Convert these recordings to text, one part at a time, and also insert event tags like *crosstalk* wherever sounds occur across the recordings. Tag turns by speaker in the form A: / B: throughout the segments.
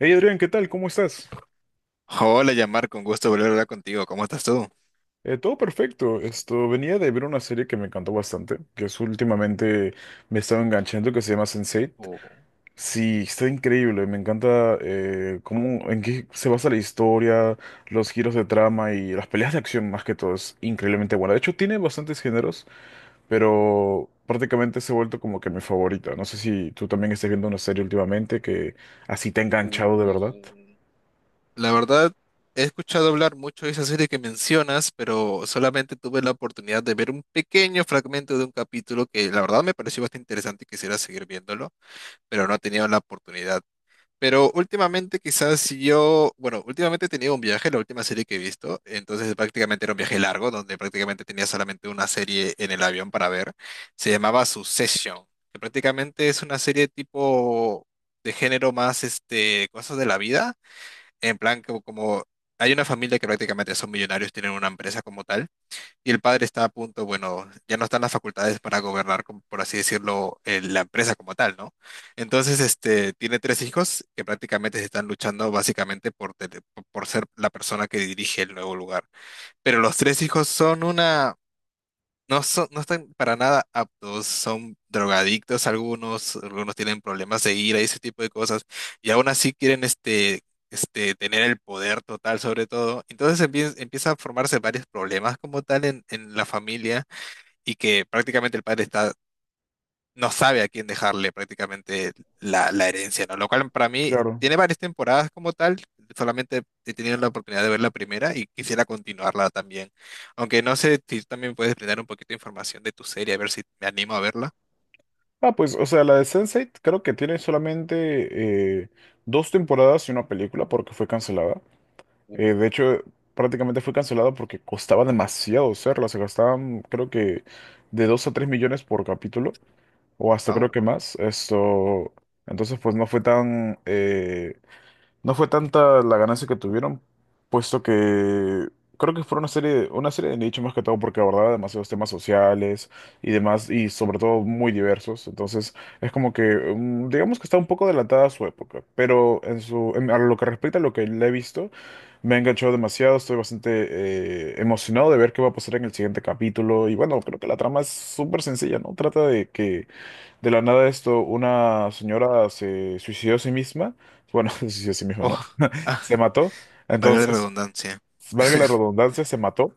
A: Hey Adrián, ¿qué tal? ¿Cómo estás?
B: Hola, Yamar, con gusto volver a hablar contigo. ¿Cómo estás tú?
A: Todo perfecto. Esto venía de ver una serie que me encantó bastante, que es últimamente me estaba enganchando, que se llama Sense8.
B: Oh,
A: Sí, está increíble. Me encanta cómo, en qué se basa la historia, los giros de trama y las peleas de acción más que todo. Es increíblemente buena. De hecho, tiene bastantes géneros, pero prácticamente se ha vuelto como que mi favorita. No sé si tú también estés viendo una serie últimamente que así te ha
B: uh,
A: enganchado de verdad.
B: uh. La verdad, he escuchado hablar mucho de esa serie que mencionas, pero solamente tuve la oportunidad de ver un pequeño fragmento de un capítulo que la verdad me pareció bastante interesante y quisiera seguir viéndolo, pero no he tenido la oportunidad. Pero últimamente quizás si yo, bueno, últimamente he tenido un viaje, la última serie que he visto, entonces prácticamente era un viaje largo, donde prácticamente tenía solamente una serie en el avión para ver, se llamaba Succession, que prácticamente es una serie tipo de género más, este, cosas de la vida, en plan como, como hay una familia que prácticamente son millonarios, tienen una empresa como tal, y el padre está a punto, bueno, ya no están las facultades para gobernar, como por así decirlo, la empresa como tal, ¿no? Entonces, este, tiene tres hijos que prácticamente se están luchando básicamente por, por ser la persona que dirige el nuevo lugar. Pero los tres hijos son una... No son, no están para nada aptos, son drogadictos algunos, algunos tienen problemas de ira y ese tipo de cosas, y aún así quieren este, tener el poder total sobre todo. Entonces empieza a formarse varios problemas como tal en la familia y que prácticamente el padre está no sabe a quién dejarle prácticamente la herencia, ¿no? Lo cual para mí
A: Claro.
B: tiene varias temporadas como tal, solamente he tenido la oportunidad de ver la primera y quisiera continuarla también. Aunque no sé si tú también puedes brindar un poquito de información de tu serie, a ver si me animo a verla.
A: Ah, pues, o sea, la de Sense8 creo que tiene solamente dos temporadas y una película porque fue cancelada.
B: Uh,
A: De hecho, prácticamente fue cancelada porque costaba demasiado hacerla. Se gastaban, creo que, de 2 a 3 millones por capítulo o hasta creo que
B: au.
A: más. Esto, entonces, pues no fue tan, no fue tanta la ganancia que tuvieron, puesto que creo que fue una serie de nicho más que todo porque abordaba demasiados temas sociales y demás, y sobre todo muy diversos. Entonces, es como que, digamos que está un poco adelantada a su época, pero en su, a lo que respecta a lo que le he visto, me ha enganchado demasiado, estoy bastante emocionado de ver qué va a pasar en el siguiente capítulo. Y bueno, creo que la trama es súper sencilla, ¿no? Trata de que de la nada esto, una señora se suicidó a sí misma. Bueno, *laughs* se suicidó a sí misma, ¿no?
B: Oh,
A: *laughs*
B: ah,
A: Se
B: *laughs*
A: mató.
B: valga la
A: Entonces,
B: redundancia.
A: valga la redundancia, se mató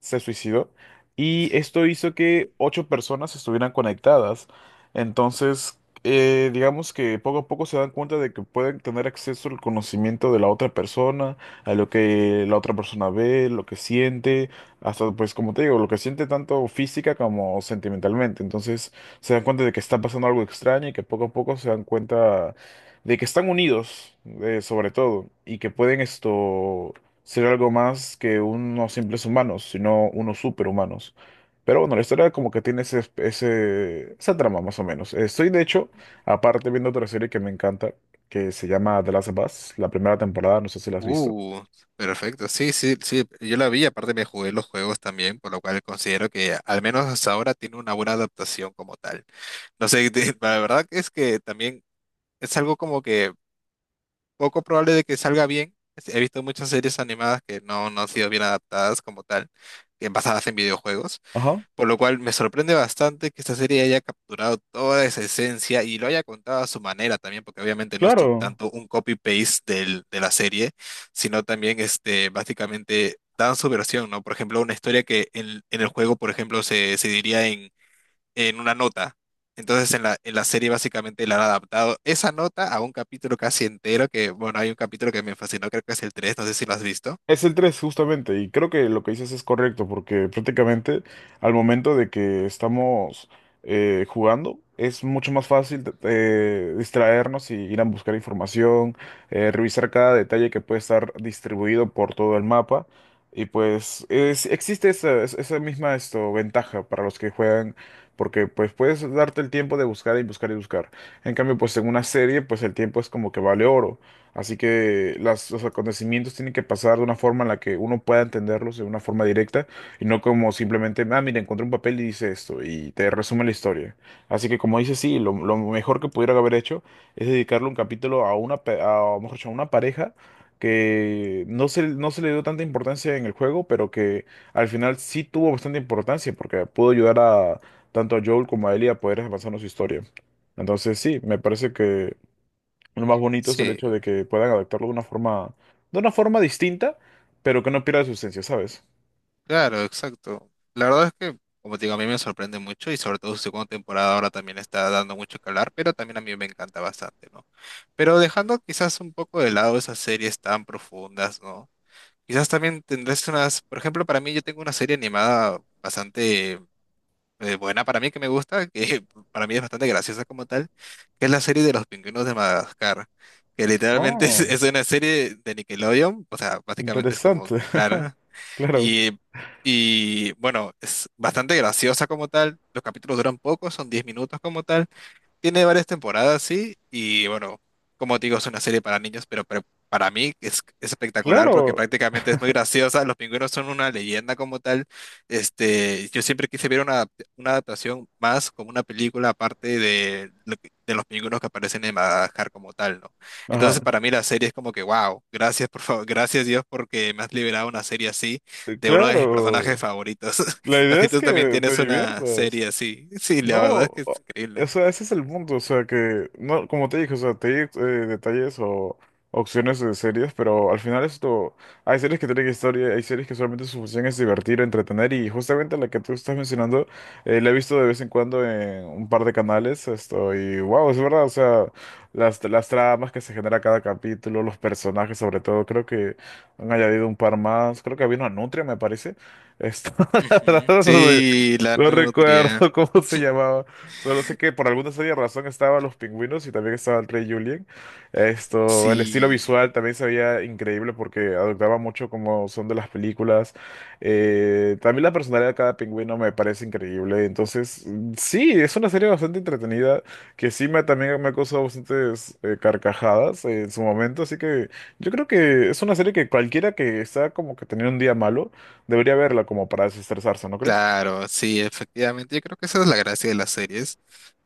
A: se suicidó y esto hizo que ocho personas estuvieran conectadas. Entonces, digamos que poco a poco se dan cuenta de que pueden tener acceso al conocimiento de la otra persona, a lo que la otra persona ve, lo que siente, hasta pues como te digo, lo que siente tanto física como sentimentalmente. Entonces, se dan cuenta de que está pasando algo extraño y que poco a poco se dan cuenta de que están unidos, sobre todo, y que pueden esto ser algo más que unos simples humanos, sino unos superhumanos. Pero bueno, la historia como que tiene ese, esa trama más o menos. Estoy de hecho, aparte viendo otra serie que me encanta, que se llama The Last of Us, la primera temporada, no sé si la has visto.
B: Uh, perfecto. Sí, sí, sí. Yo la vi, aparte me jugué los juegos también, por lo cual considero que al menos hasta ahora tiene una buena adaptación como tal. No sé, *laughs* la verdad que es que también es algo como que poco probable de que salga bien. He visto muchas series animadas que no han sido bien adaptadas como tal, que basadas en videojuegos,
A: Ajá,
B: por lo cual me sorprende bastante que esta serie haya capturado toda esa esencia y lo haya contado a su manera también, porque obviamente no es
A: claro.
B: tanto un copy-paste del, de la serie, sino también este, básicamente dan su versión, ¿no? Por ejemplo, una historia que en el juego, por ejemplo, se diría en una nota. Entonces en en la serie básicamente le han adaptado esa nota a un capítulo casi entero, que bueno, hay un capítulo que me fascinó, creo que es el 3 no sé si lo has visto.
A: Es el 3 justamente, y creo que lo que dices es correcto, porque prácticamente al momento de que estamos jugando, es mucho más fácil distraernos y ir a buscar información,
B: Ujú.
A: revisar cada detalle que puede estar distribuido por todo el mapa, y pues existe esa, esa misma esto, ventaja para los que juegan, porque pues puedes darte el tiempo de buscar y buscar y buscar. En cambio, pues en una serie, pues el tiempo es como que vale oro. Así que las, los acontecimientos tienen que pasar de una forma en la que uno pueda entenderlos de una forma directa y no como simplemente, ah, mira, encontré un papel y dice esto y te resume la historia. Así que como dice, sí, lo mejor que pudiera haber hecho es dedicarle un capítulo a una, a, mejor dicho, a una pareja que no se, no se le dio tanta importancia en el juego, pero que al final sí tuvo bastante importancia porque pudo ayudar a tanto a Joel como a Ellie a poder avanzar en su historia. Entonces sí, me parece que... Lo más bonito es el
B: Sí,
A: hecho de que puedan adaptarlo de una forma distinta, pero que no pierda su esencia, ¿sabes?
B: claro, exacto. La verdad es que, como te digo, a mí me sorprende mucho y sobre todo su segunda temporada ahora también está dando mucho que hablar, pero también a mí me encanta bastante, ¿no? Pero dejando quizás un poco de lado esas series tan profundas, ¿no? Quizás también tendrás unas, por ejemplo, para mí yo tengo una serie animada bastante buena para mí que me gusta, que *laughs* para mí es bastante graciosa como tal, que es la serie de los pingüinos de Madagascar, que literalmente *laughs*
A: Oh,
B: es una serie de Nickelodeon, o sea, básicamente es como
A: interesante.
B: que
A: *laughs*
B: Clara,
A: Claro,
B: y, y bueno, es bastante graciosa como tal, los capítulos duran poco, son 10 minutos como tal, tiene varias temporadas, sí, y bueno, como te digo, es una serie para niños, pero, para mí es espectacular porque
A: claro.
B: prácticamente es muy graciosa. Los pingüinos son una leyenda como tal. Este, yo siempre quise ver una, una adaptación más como una película aparte de, de los pingüinos que aparecen en Madagascar como tal, ¿no?
A: Ajá.
B: Entonces, para mí la serie es como que, wow, gracias, por favor, gracias Dios porque me has liberado una serie así de uno de mis personajes
A: Claro.
B: favoritos.
A: La
B: *laughs* No
A: idea
B: sé si
A: es
B: tú también
A: que te
B: tienes una
A: diviertas.
B: serie así. Sí, la
A: No,
B: verdad es que es
A: o
B: increíble.
A: sea, ese es el punto, o sea, que, no, como te dije, o sea, te di detalles o opciones de series, pero al final esto, hay series que tienen historia, hay series que solamente su función es divertir, entretener, y justamente la que tú estás mencionando, la he visto de vez en cuando en un par de canales, esto, y wow, es verdad, o sea, las tramas que se genera cada capítulo, los personajes sobre todo, creo que han añadido un par más, creo que había una nutria, me parece, esto, *laughs* la
B: Ujú.
A: verdad,
B: Sí, la
A: no
B: nutria.
A: recuerdo *laughs* cómo se llamaba. Solo sé que por alguna extraña razón estaban los pingüinos y también estaba el rey Julien. Esto, el estilo
B: Sí,
A: visual también se veía increíble porque adoptaba mucho como son de las películas. También la personalidad de cada pingüino me parece increíble. Entonces, sí, es una serie bastante entretenida que sí me, también me ha causado bastantes carcajadas en su momento. Así que yo creo que es una serie que cualquiera que está como que teniendo un día malo debería verla como para desestresarse, ¿no crees?
B: Claro, sí, efectivamente. Yo creo que esa es la gracia de las series,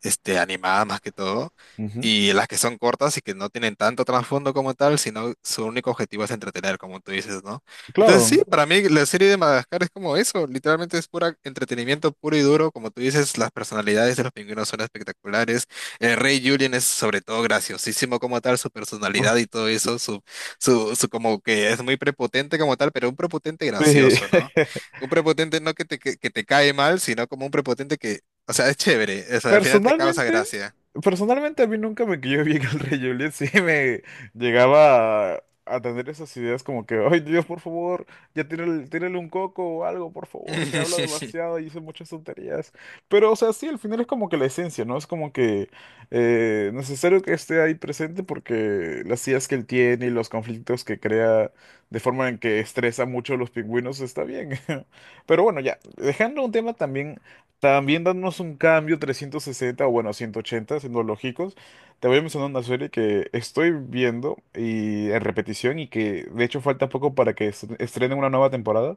B: este, animadas más que todo,
A: Ujú.
B: y las que son cortas y que no tienen tanto trasfondo como tal, sino su único objetivo es entretener, como tú dices, ¿no? Entonces
A: Claro.
B: sí, para mí la serie de Madagascar es como eso, literalmente es pura entretenimiento puro y duro, como tú dices, las personalidades de los pingüinos son espectaculares, el rey Julien es sobre todo graciosísimo como tal, su personalidad
A: Uf,
B: y todo eso, su como que es muy prepotente como tal, pero un prepotente
A: sí.
B: gracioso, ¿no?
A: *laughs*
B: Un prepotente no que te, que te cae mal, sino como un prepotente que, o sea, es chévere, o sea, al final te causa
A: Personalmente,
B: gracia.
A: personalmente a mí nunca me cayó bien el Rey Juliet, sí me llegaba a tener esas ideas como que, ay Dios, por favor, ya tírale, tírale un coco o algo, por favor, que habla
B: *laughs*
A: demasiado y dice muchas tonterías. Pero, o sea, sí, al final es como que la esencia, ¿no? Es como que necesario que esté ahí presente porque las ideas que él tiene y los conflictos que crea de forma en que estresa mucho a los pingüinos está bien. *laughs* Pero bueno, ya, dejando un tema también también dándonos un cambio 360 o bueno, 180 siendo lógicos. Te voy a mencionar una serie que estoy viendo y en repetición y que de hecho falta poco para que estrenen una nueva temporada,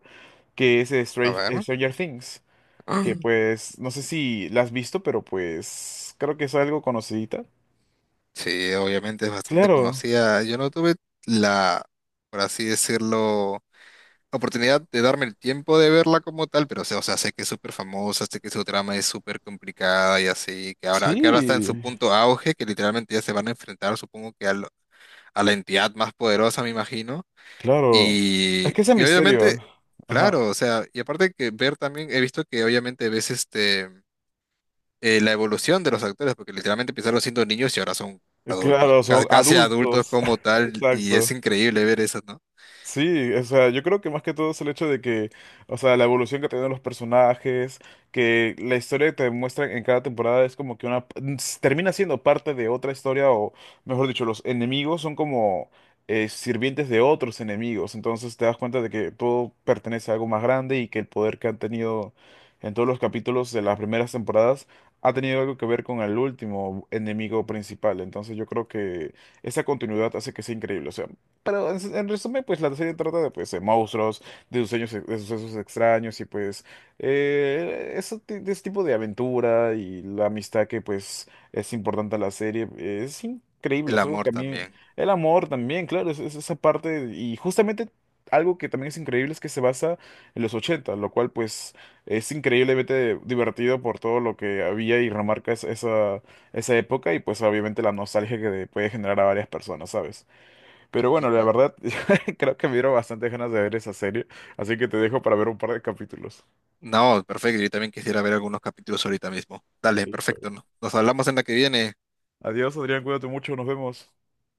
A: que es
B: A ver.
A: Stranger Things, que
B: Ah.
A: pues no sé si la has visto, pero pues creo que es algo conocidita.
B: Sí, obviamente es bastante
A: Claro,
B: conocida. Yo no tuve la, por así decirlo, oportunidad de darme el tiempo de verla como tal, pero o sea, sé que es súper famosa, sé que su trama es súper complicada y así, que ahora está en
A: sí,
B: su punto auge, que literalmente ya se van a enfrentar, supongo que a, a la entidad más poderosa, me imagino.
A: claro.
B: Y,
A: Es que ese
B: y obviamente,
A: misterio. Ajá.
B: claro, o sea, y aparte que ver también, he visto que obviamente ves este la evolución de los actores, porque literalmente empezaron siendo niños y ahora son adultos,
A: Claro, son
B: casi adultos
A: adultos.
B: como
A: *laughs*
B: tal, y
A: Exacto.
B: es increíble ver eso, ¿no?
A: Sí, o sea, yo creo que más que todo es el hecho de que, o sea, la evolución que tienen los personajes, que la historia que te muestran en cada temporada es como que una, s- termina siendo parte de otra historia, o mejor dicho, los enemigos son como sirvientes de otros enemigos, entonces te das cuenta de que todo pertenece a algo más grande y que el poder que han tenido en todos los capítulos de las primeras temporadas ha tenido algo que ver con el último enemigo principal, entonces yo creo que esa continuidad hace que sea increíble, o sea. Pero en resumen, pues la serie trata de, pues, de monstruos, de sueños, de sucesos extraños y pues de ese tipo de aventura y la amistad que pues es importante a la serie. Es increíble,
B: El
A: es algo que
B: amor
A: a mí,
B: también.
A: el amor también, claro, es esa parte y justamente algo que también es increíble es que se basa en los 80 lo cual pues es increíblemente divertido por todo lo que había y remarca esa, esa esa época y pues obviamente la nostalgia que puede generar a varias personas, ¿sabes? Pero bueno,
B: Ujú.
A: la verdad, *laughs* creo que me dieron bastantes ganas de ver esa serie, así que te dejo para ver un par de capítulos.
B: No, perfecto, yo también quisiera ver algunos capítulos ahorita mismo. Dale,
A: Listo.
B: perfecto, ¿no? Nos hablamos en la que viene.
A: Adiós, Adrián, cuídate mucho, nos vemos.